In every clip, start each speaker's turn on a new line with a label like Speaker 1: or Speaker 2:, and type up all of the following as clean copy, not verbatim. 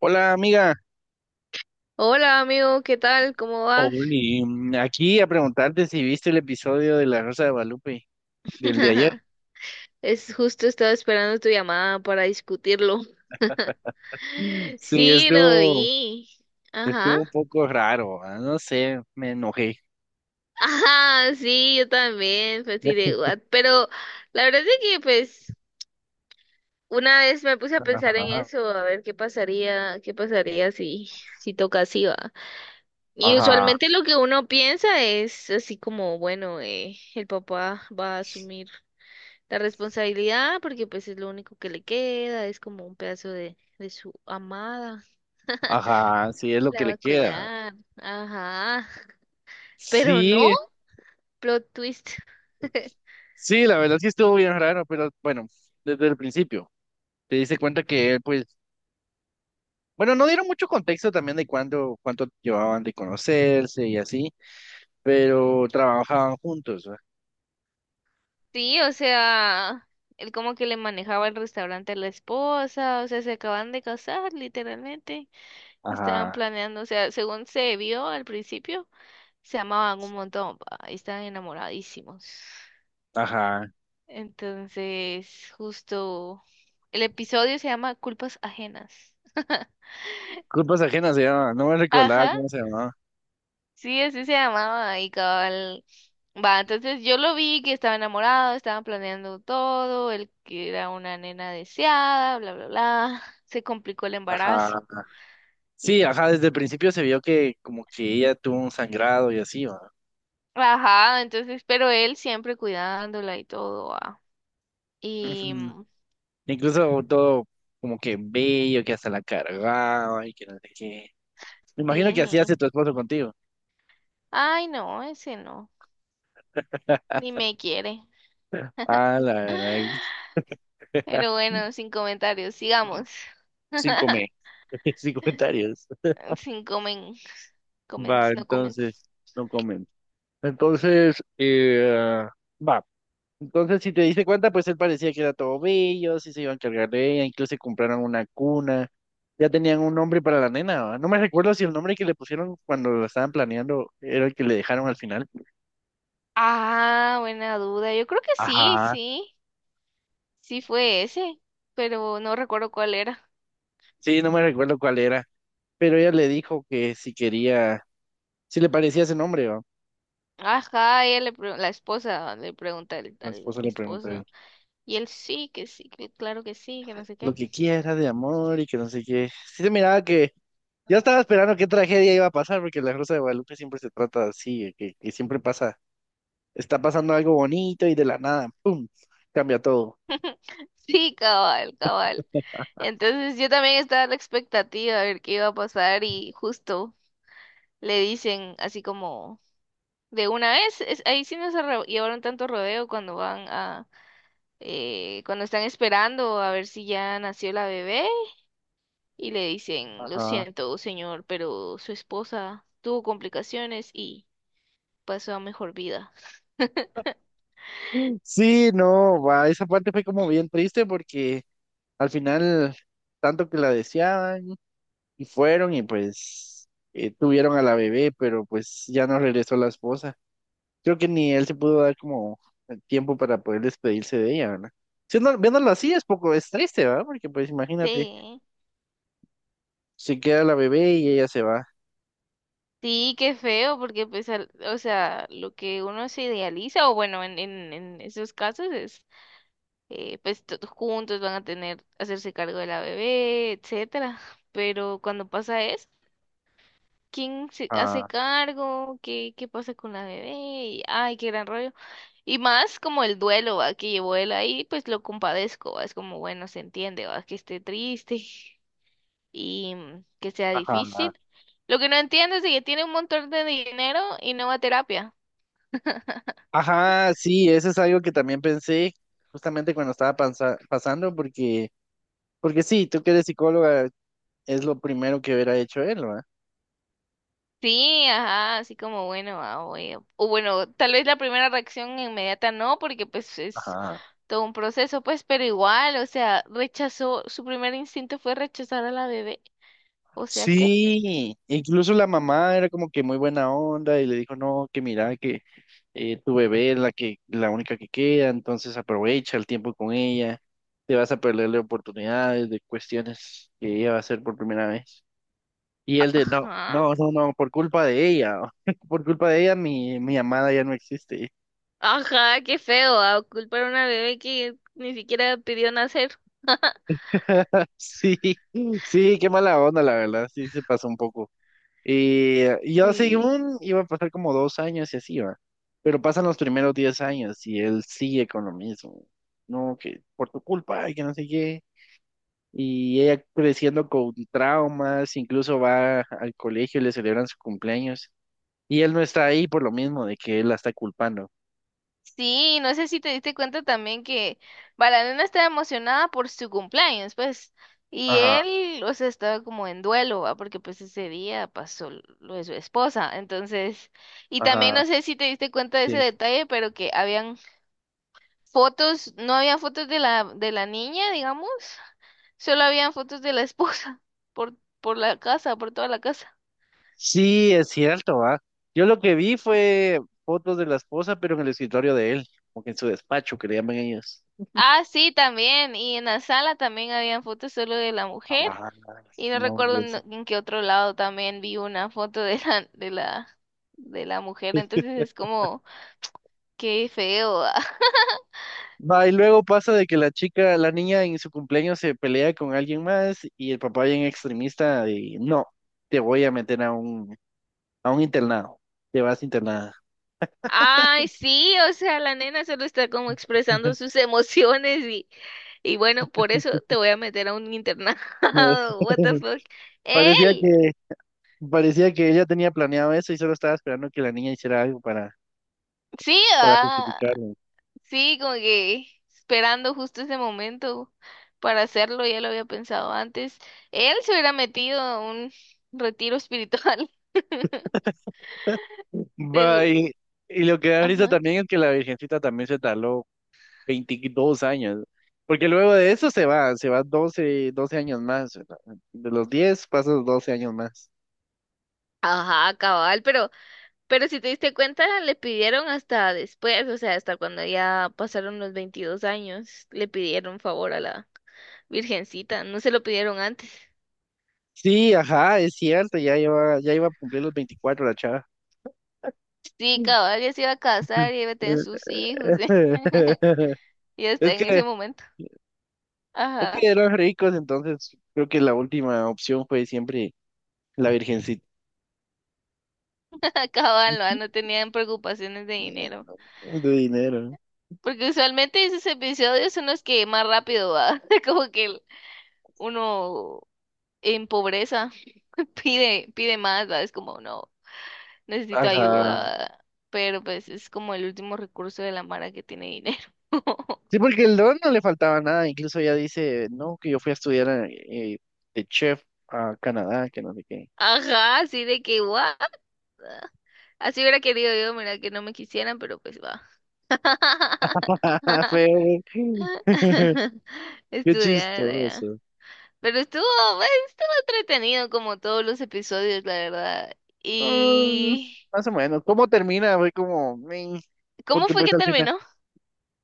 Speaker 1: Hola amiga,
Speaker 2: Hola amigo, ¿qué tal? ¿Cómo vas?
Speaker 1: Oli, aquí a preguntarte si viste el episodio de La Rosa de Guadalupe del de ayer.
Speaker 2: Es justo estaba esperando tu llamada para discutirlo.
Speaker 1: Mm. Sí,
Speaker 2: Sí, lo
Speaker 1: estuvo,
Speaker 2: vi.
Speaker 1: estuvo
Speaker 2: Ajá.
Speaker 1: un poco raro, no sé, me enojé.
Speaker 2: Ajá, sí, yo también, fue así de what. Pero la verdad es que pues una vez me puse a pensar en eso, a ver qué pasaría si toca así, va. Y
Speaker 1: Ajá,
Speaker 2: usualmente lo que uno piensa es así como, bueno, el papá va a asumir la responsabilidad, porque pues es lo único que le queda, es como un pedazo de su amada,
Speaker 1: ajá, sí es lo que
Speaker 2: la va
Speaker 1: le
Speaker 2: a
Speaker 1: queda.
Speaker 2: cuidar, ajá. Pero no,
Speaker 1: Sí,
Speaker 2: plot twist.
Speaker 1: sí, la verdad sí estuvo bien raro, pero bueno, desde el principio te diste cuenta que él, pues, bueno, no dieron mucho contexto también de cuándo, cuánto llevaban de conocerse y así, pero trabajaban juntos, ¿va?
Speaker 2: Sí, o sea, él como que le manejaba el restaurante a la esposa, o sea, se acaban de casar literalmente y estaban
Speaker 1: Ajá,
Speaker 2: planeando, o sea, según se vio al principio, se amaban un montón, pa, y estaban enamoradísimos.
Speaker 1: ajá.
Speaker 2: Entonces, justo el episodio se llama Culpas Ajenas.
Speaker 1: Culpas ajenas se llama, no me recordaba
Speaker 2: Ajá,
Speaker 1: cómo se llamaba.
Speaker 2: sí, así se llamaba y cabal. Va, entonces yo lo vi que estaba enamorado, estaban planeando todo, él que era una nena deseada, bla, bla, bla. Se complicó el embarazo.
Speaker 1: Ajá.
Speaker 2: Y,
Speaker 1: Sí, ajá, desde el principio se vio que como que ella tuvo un sangrado y así, va.
Speaker 2: ajá, entonces, pero él siempre cuidándola y todo, ah. Y
Speaker 1: Ujú.
Speaker 2: mm,
Speaker 1: Incluso todo como que bello, que hasta la cargaba y que no sé qué. Me imagino que así
Speaker 2: sí,
Speaker 1: hace tu esposo contigo.
Speaker 2: ay, no, ese no, ni me quiere.
Speaker 1: Ah, la verdad.
Speaker 2: Pero bueno, sin comentarios, sigamos.
Speaker 1: Sin comer, sin comentarios.
Speaker 2: Sin comen,
Speaker 1: Va,
Speaker 2: comments, no comments.
Speaker 1: entonces, no comen. Entonces, va. Entonces, si te diste cuenta, pues él parecía que era todo bello, sí se iba a encargar de ella, incluso compraron una cuna, ya tenían un nombre para la nena, ¿va? No me recuerdo si el nombre que le pusieron cuando lo estaban planeando era el que le dejaron al final.
Speaker 2: Ah, buena duda. Yo creo que sí,
Speaker 1: Ajá.
Speaker 2: sí. Sí fue ese, pero no recuerdo cuál era.
Speaker 1: Sí, no me recuerdo cuál era, pero ella le dijo que si quería, si le parecía ese nombre, ¿va?
Speaker 2: Ajá, la esposa le pregunta al,
Speaker 1: La
Speaker 2: al
Speaker 1: esposa le preguntó
Speaker 2: esposo. Y él sí, que claro que sí, que no sé
Speaker 1: lo
Speaker 2: qué.
Speaker 1: que quiera de amor y que no sé qué. Sí se miraba que yo estaba esperando qué tragedia iba a pasar, porque la Rosa de Guadalupe siempre se trata así, que siempre pasa. Está pasando algo bonito y de la nada, ¡pum! Cambia todo.
Speaker 2: Sí, cabal, cabal. Entonces yo también estaba a la expectativa a ver qué iba a pasar y justo le dicen así como de una vez, ahí sí no llevaron tanto rodeo cuando van a cuando están esperando a ver si ya nació la bebé y le dicen, lo
Speaker 1: Ajá.
Speaker 2: siento, señor, pero su esposa tuvo complicaciones y pasó a mejor vida.
Speaker 1: Mm. Sí, no, va, esa parte fue como bien triste porque al final, tanto que la deseaban y fueron y pues tuvieron a la bebé, pero pues ya no regresó la esposa. Creo que ni él se pudo dar como el tiempo para poder despedirse de ella, ¿verdad? Siendo, viéndolo así es poco, es triste, ¿verdad? Porque pues imagínate,
Speaker 2: Sí.
Speaker 1: se queda la bebé y ella se va.
Speaker 2: Sí, qué feo, porque pues, o sea, lo que uno se idealiza, o bueno, en esos casos es, pues todos juntos van a tener, hacerse cargo de la bebé, etcétera. Pero cuando pasa eso, ¿quién se hace
Speaker 1: Ah,
Speaker 2: cargo? ¿Qué pasa con la bebé? Y, ay, qué gran rollo. Y más como el duelo, va, que llevó él ahí, pues lo compadezco, va, es como, bueno, se entiende, va, que esté triste y, que sea
Speaker 1: ajá.
Speaker 2: difícil. Lo que no entiendo es de que tiene un montón de dinero y no va a terapia.
Speaker 1: Ajá, sí, eso es algo que también pensé justamente cuando estaba pasando, porque, porque sí, tú que eres psicóloga, es lo primero que hubiera hecho él, ¿verdad?
Speaker 2: Sí, ajá, así como, bueno, va, o bueno, tal vez la primera reacción inmediata no, porque pues es
Speaker 1: Ajá.
Speaker 2: todo un proceso, pues, pero igual, o sea, rechazó, su primer instinto fue rechazar a la bebé, o sea, ¿qué?
Speaker 1: Sí, incluso la mamá era como que muy buena onda y le dijo, no, que mira, que tu bebé es la única que queda, entonces aprovecha el tiempo con ella, te vas a perderle oportunidades de cuestiones que ella va a hacer por primera vez. Y él de, no,
Speaker 2: Ajá.
Speaker 1: no, no, no, por culpa de ella, por culpa de ella mi amada ya no existe.
Speaker 2: Ajá, qué feo, a culpar a una bebé que ni siquiera pidió nacer.
Speaker 1: Sí, sí, qué mala onda, la verdad, sí se pasó un poco. Y yo
Speaker 2: Sí.
Speaker 1: según iba a pasar como 2 años y así va, pero pasan los primeros 10 años y él sigue con lo mismo. No, que por tu culpa, y que no sé qué. Y ella creciendo con traumas, incluso va al colegio y le celebran su cumpleaños. Y él no está ahí por lo mismo de que él la está culpando.
Speaker 2: Sí, no sé si te diste cuenta también que Balanena estaba emocionada por su cumpleaños, pues, y
Speaker 1: Ajá,
Speaker 2: él, o sea, estaba como en duelo, ¿va? Porque pues ese día pasó lo de su esposa, entonces, y también
Speaker 1: ajá.
Speaker 2: no sé si te diste cuenta de ese
Speaker 1: Cierto.
Speaker 2: detalle, pero que habían fotos, no había fotos de la niña, digamos, solo habían fotos de la esposa por, por la casa, por toda la casa.
Speaker 1: Sí, es cierto, va. Yo lo que vi fue fotos de la esposa, pero en el escritorio de él, como que en su despacho, que le llaman ellos.
Speaker 2: Ah, sí, también. Y en la sala también habían fotos solo de la mujer.
Speaker 1: Ah,
Speaker 2: Y no
Speaker 1: no, y
Speaker 2: recuerdo en,
Speaker 1: eso.
Speaker 2: en qué otro lado también vi una foto de la mujer. Entonces es como, qué feo.
Speaker 1: Va, y luego pasa de que la chica, la niña en su cumpleaños se pelea con alguien más y el papá bien extremista y no, te voy a meter a a un internado, te vas internada.
Speaker 2: Ay, sí, o sea, la nena solo está como expresando sus emociones y bueno, por eso te voy a meter a un internado. What the fuck.
Speaker 1: Parecía
Speaker 2: Él.
Speaker 1: que, parecía que ella tenía planeado eso y solo estaba esperando que la niña hiciera algo
Speaker 2: Sí,
Speaker 1: para
Speaker 2: ah.
Speaker 1: justificarlo.
Speaker 2: Sí, como que esperando justo ese momento para hacerlo, ya lo había pensado antes. Él se hubiera metido a un retiro espiritual,
Speaker 1: Va,
Speaker 2: seguro.
Speaker 1: y lo que da risa
Speaker 2: Ajá.
Speaker 1: también es que la Virgencita también se tardó 22 años, porque luego de eso se va doce años más, ¿verdad? De los 10 pasas 12 años más.
Speaker 2: Ajá, cabal, pero si te diste cuenta, le pidieron hasta después, o sea, hasta cuando ya pasaron los 22 años, le pidieron favor a la virgencita, no se lo pidieron antes.
Speaker 1: Sí, ajá, es cierto, ya iba a cumplir los 24 la chava.
Speaker 2: Sí, cabal, ya se iba a casar y iba a tener sus hijos, y
Speaker 1: Es
Speaker 2: hasta en ese
Speaker 1: que,
Speaker 2: momento.
Speaker 1: es
Speaker 2: Ajá.
Speaker 1: que eran ricos, entonces creo que la última opción fue siempre la Virgencita
Speaker 2: Acaban, no tenían preocupaciones de dinero.
Speaker 1: de dinero. ¿No?
Speaker 2: Porque usualmente esos episodios son los que más rápido va. Como que uno en pobreza pide, pide más, ¿va? Es como, no, necesito
Speaker 1: Ajá.
Speaker 2: ayuda. Pero pues es como el último recurso de la mara que tiene dinero.
Speaker 1: Sí, porque el don no le faltaba nada, incluso ya dice, no, que yo fui a estudiar de chef a Canadá, que no sé qué.
Speaker 2: Ajá, así de que, what? Así hubiera querido yo, mira, que no me quisieran, pero pues va.
Speaker 1: Feo, güey. Qué
Speaker 2: Estudiar.
Speaker 1: chistoso.
Speaker 2: Pero estuvo, bueno, estuvo entretenido como todos los episodios, la verdad.
Speaker 1: Mm,
Speaker 2: ¿Y
Speaker 1: más o menos. ¿Cómo termina? Fue como, "Meh",
Speaker 2: cómo
Speaker 1: porque
Speaker 2: fue
Speaker 1: pues
Speaker 2: que
Speaker 1: al final.
Speaker 2: terminó?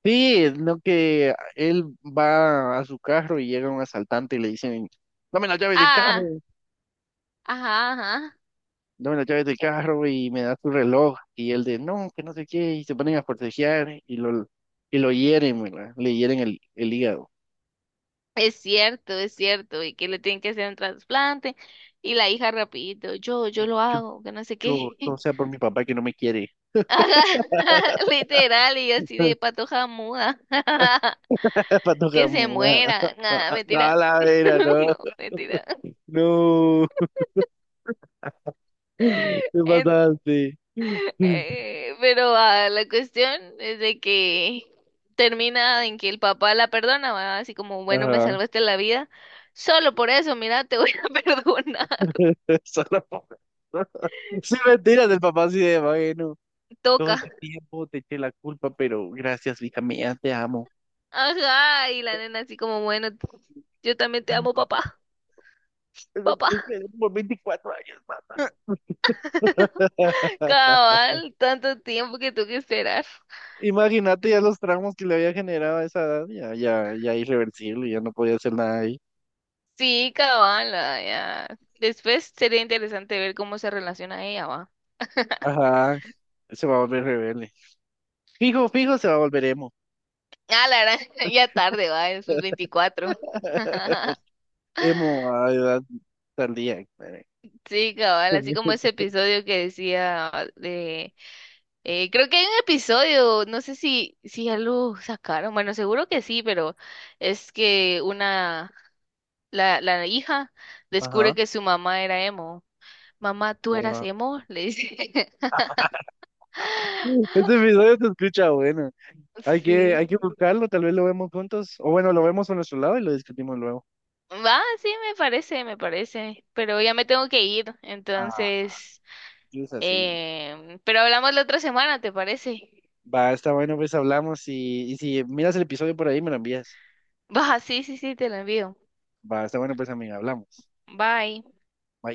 Speaker 1: Sí, no que él va a su carro y llega un asaltante y le dicen, dame las llaves del carro.
Speaker 2: Ah, ajá, ajá.
Speaker 1: Dame las llaves del carro y me da tu reloj. Y él de, no, que no sé qué, y se ponen a forcejear y lo hieren, ¿verdad? Le hieren el hígado.
Speaker 2: Es cierto, es cierto. Y que le tienen que hacer un trasplante. Y la hija rapidito, yo lo
Speaker 1: Yo,
Speaker 2: hago, que no sé
Speaker 1: yo,
Speaker 2: qué.
Speaker 1: no sea por mi papá que no me quiere.
Speaker 2: Ajá, literal, y así de patoja muda.
Speaker 1: Pato
Speaker 2: Que se
Speaker 1: Jamón.
Speaker 2: muera. Nada,
Speaker 1: A
Speaker 2: mentira.
Speaker 1: la vera, no.
Speaker 2: No, mentira.
Speaker 1: No. Te mataste.
Speaker 2: Pero ah, la cuestión es de que termina en que el papá la perdona, ¿va? Así como, bueno, me
Speaker 1: Ajá.
Speaker 2: salvaste la vida. Solo por eso, mira, te voy a perdonar.
Speaker 1: Solo por- Sí, mentira del papá así de bueno. Todo
Speaker 2: Toca.
Speaker 1: este tiempo te eché la culpa, pero gracias, hija mía, te amo.
Speaker 2: Ajá, y la nena así como, bueno, yo también te
Speaker 1: Ay,
Speaker 2: amo,
Speaker 1: papá.
Speaker 2: papá,
Speaker 1: Eso,
Speaker 2: papá.
Speaker 1: es que por 24 años, más.
Speaker 2: Cabal, tanto tiempo que tuve que esperar.
Speaker 1: Imagínate ya los traumas que le había generado a esa edad, ya, ya, ya irreversible, ya no podía hacer nada ahí.
Speaker 2: Sí, cabal, ah, ya. Después sería interesante ver cómo se relaciona ella, va.
Speaker 1: Ajá, se va a volver rebelde. Fijo, fijo, se va a volver emo.
Speaker 2: Ah, la verdad, ya tarde, va, en sus 24.
Speaker 1: Emo a edad tardía. Espere.
Speaker 2: Sí, cabal, así como ese episodio que decía de... creo que hay un episodio, no sé si ya lo sacaron, bueno, seguro que sí, pero es que la hija descubre
Speaker 1: Ajá.
Speaker 2: que su mamá era emo. Mamá, ¿tú eras
Speaker 1: Wow.
Speaker 2: emo? Le dice.
Speaker 1: Este episodio se escucha bueno.
Speaker 2: Sí.
Speaker 1: Hay que buscarlo, tal vez lo vemos juntos. O bueno, lo vemos a nuestro lado y lo discutimos luego.
Speaker 2: Va, sí, me parece, pero ya me tengo que ir,
Speaker 1: Ah,
Speaker 2: entonces,
Speaker 1: es así.
Speaker 2: pero hablamos la otra semana, ¿te parece?
Speaker 1: Va, está bueno, pues hablamos y si miras el episodio por ahí, me lo envías.
Speaker 2: Va, sí, sí, sí, te lo envío.
Speaker 1: Va, está bueno, pues, amiga, hablamos.
Speaker 2: Bye.
Speaker 1: Bye.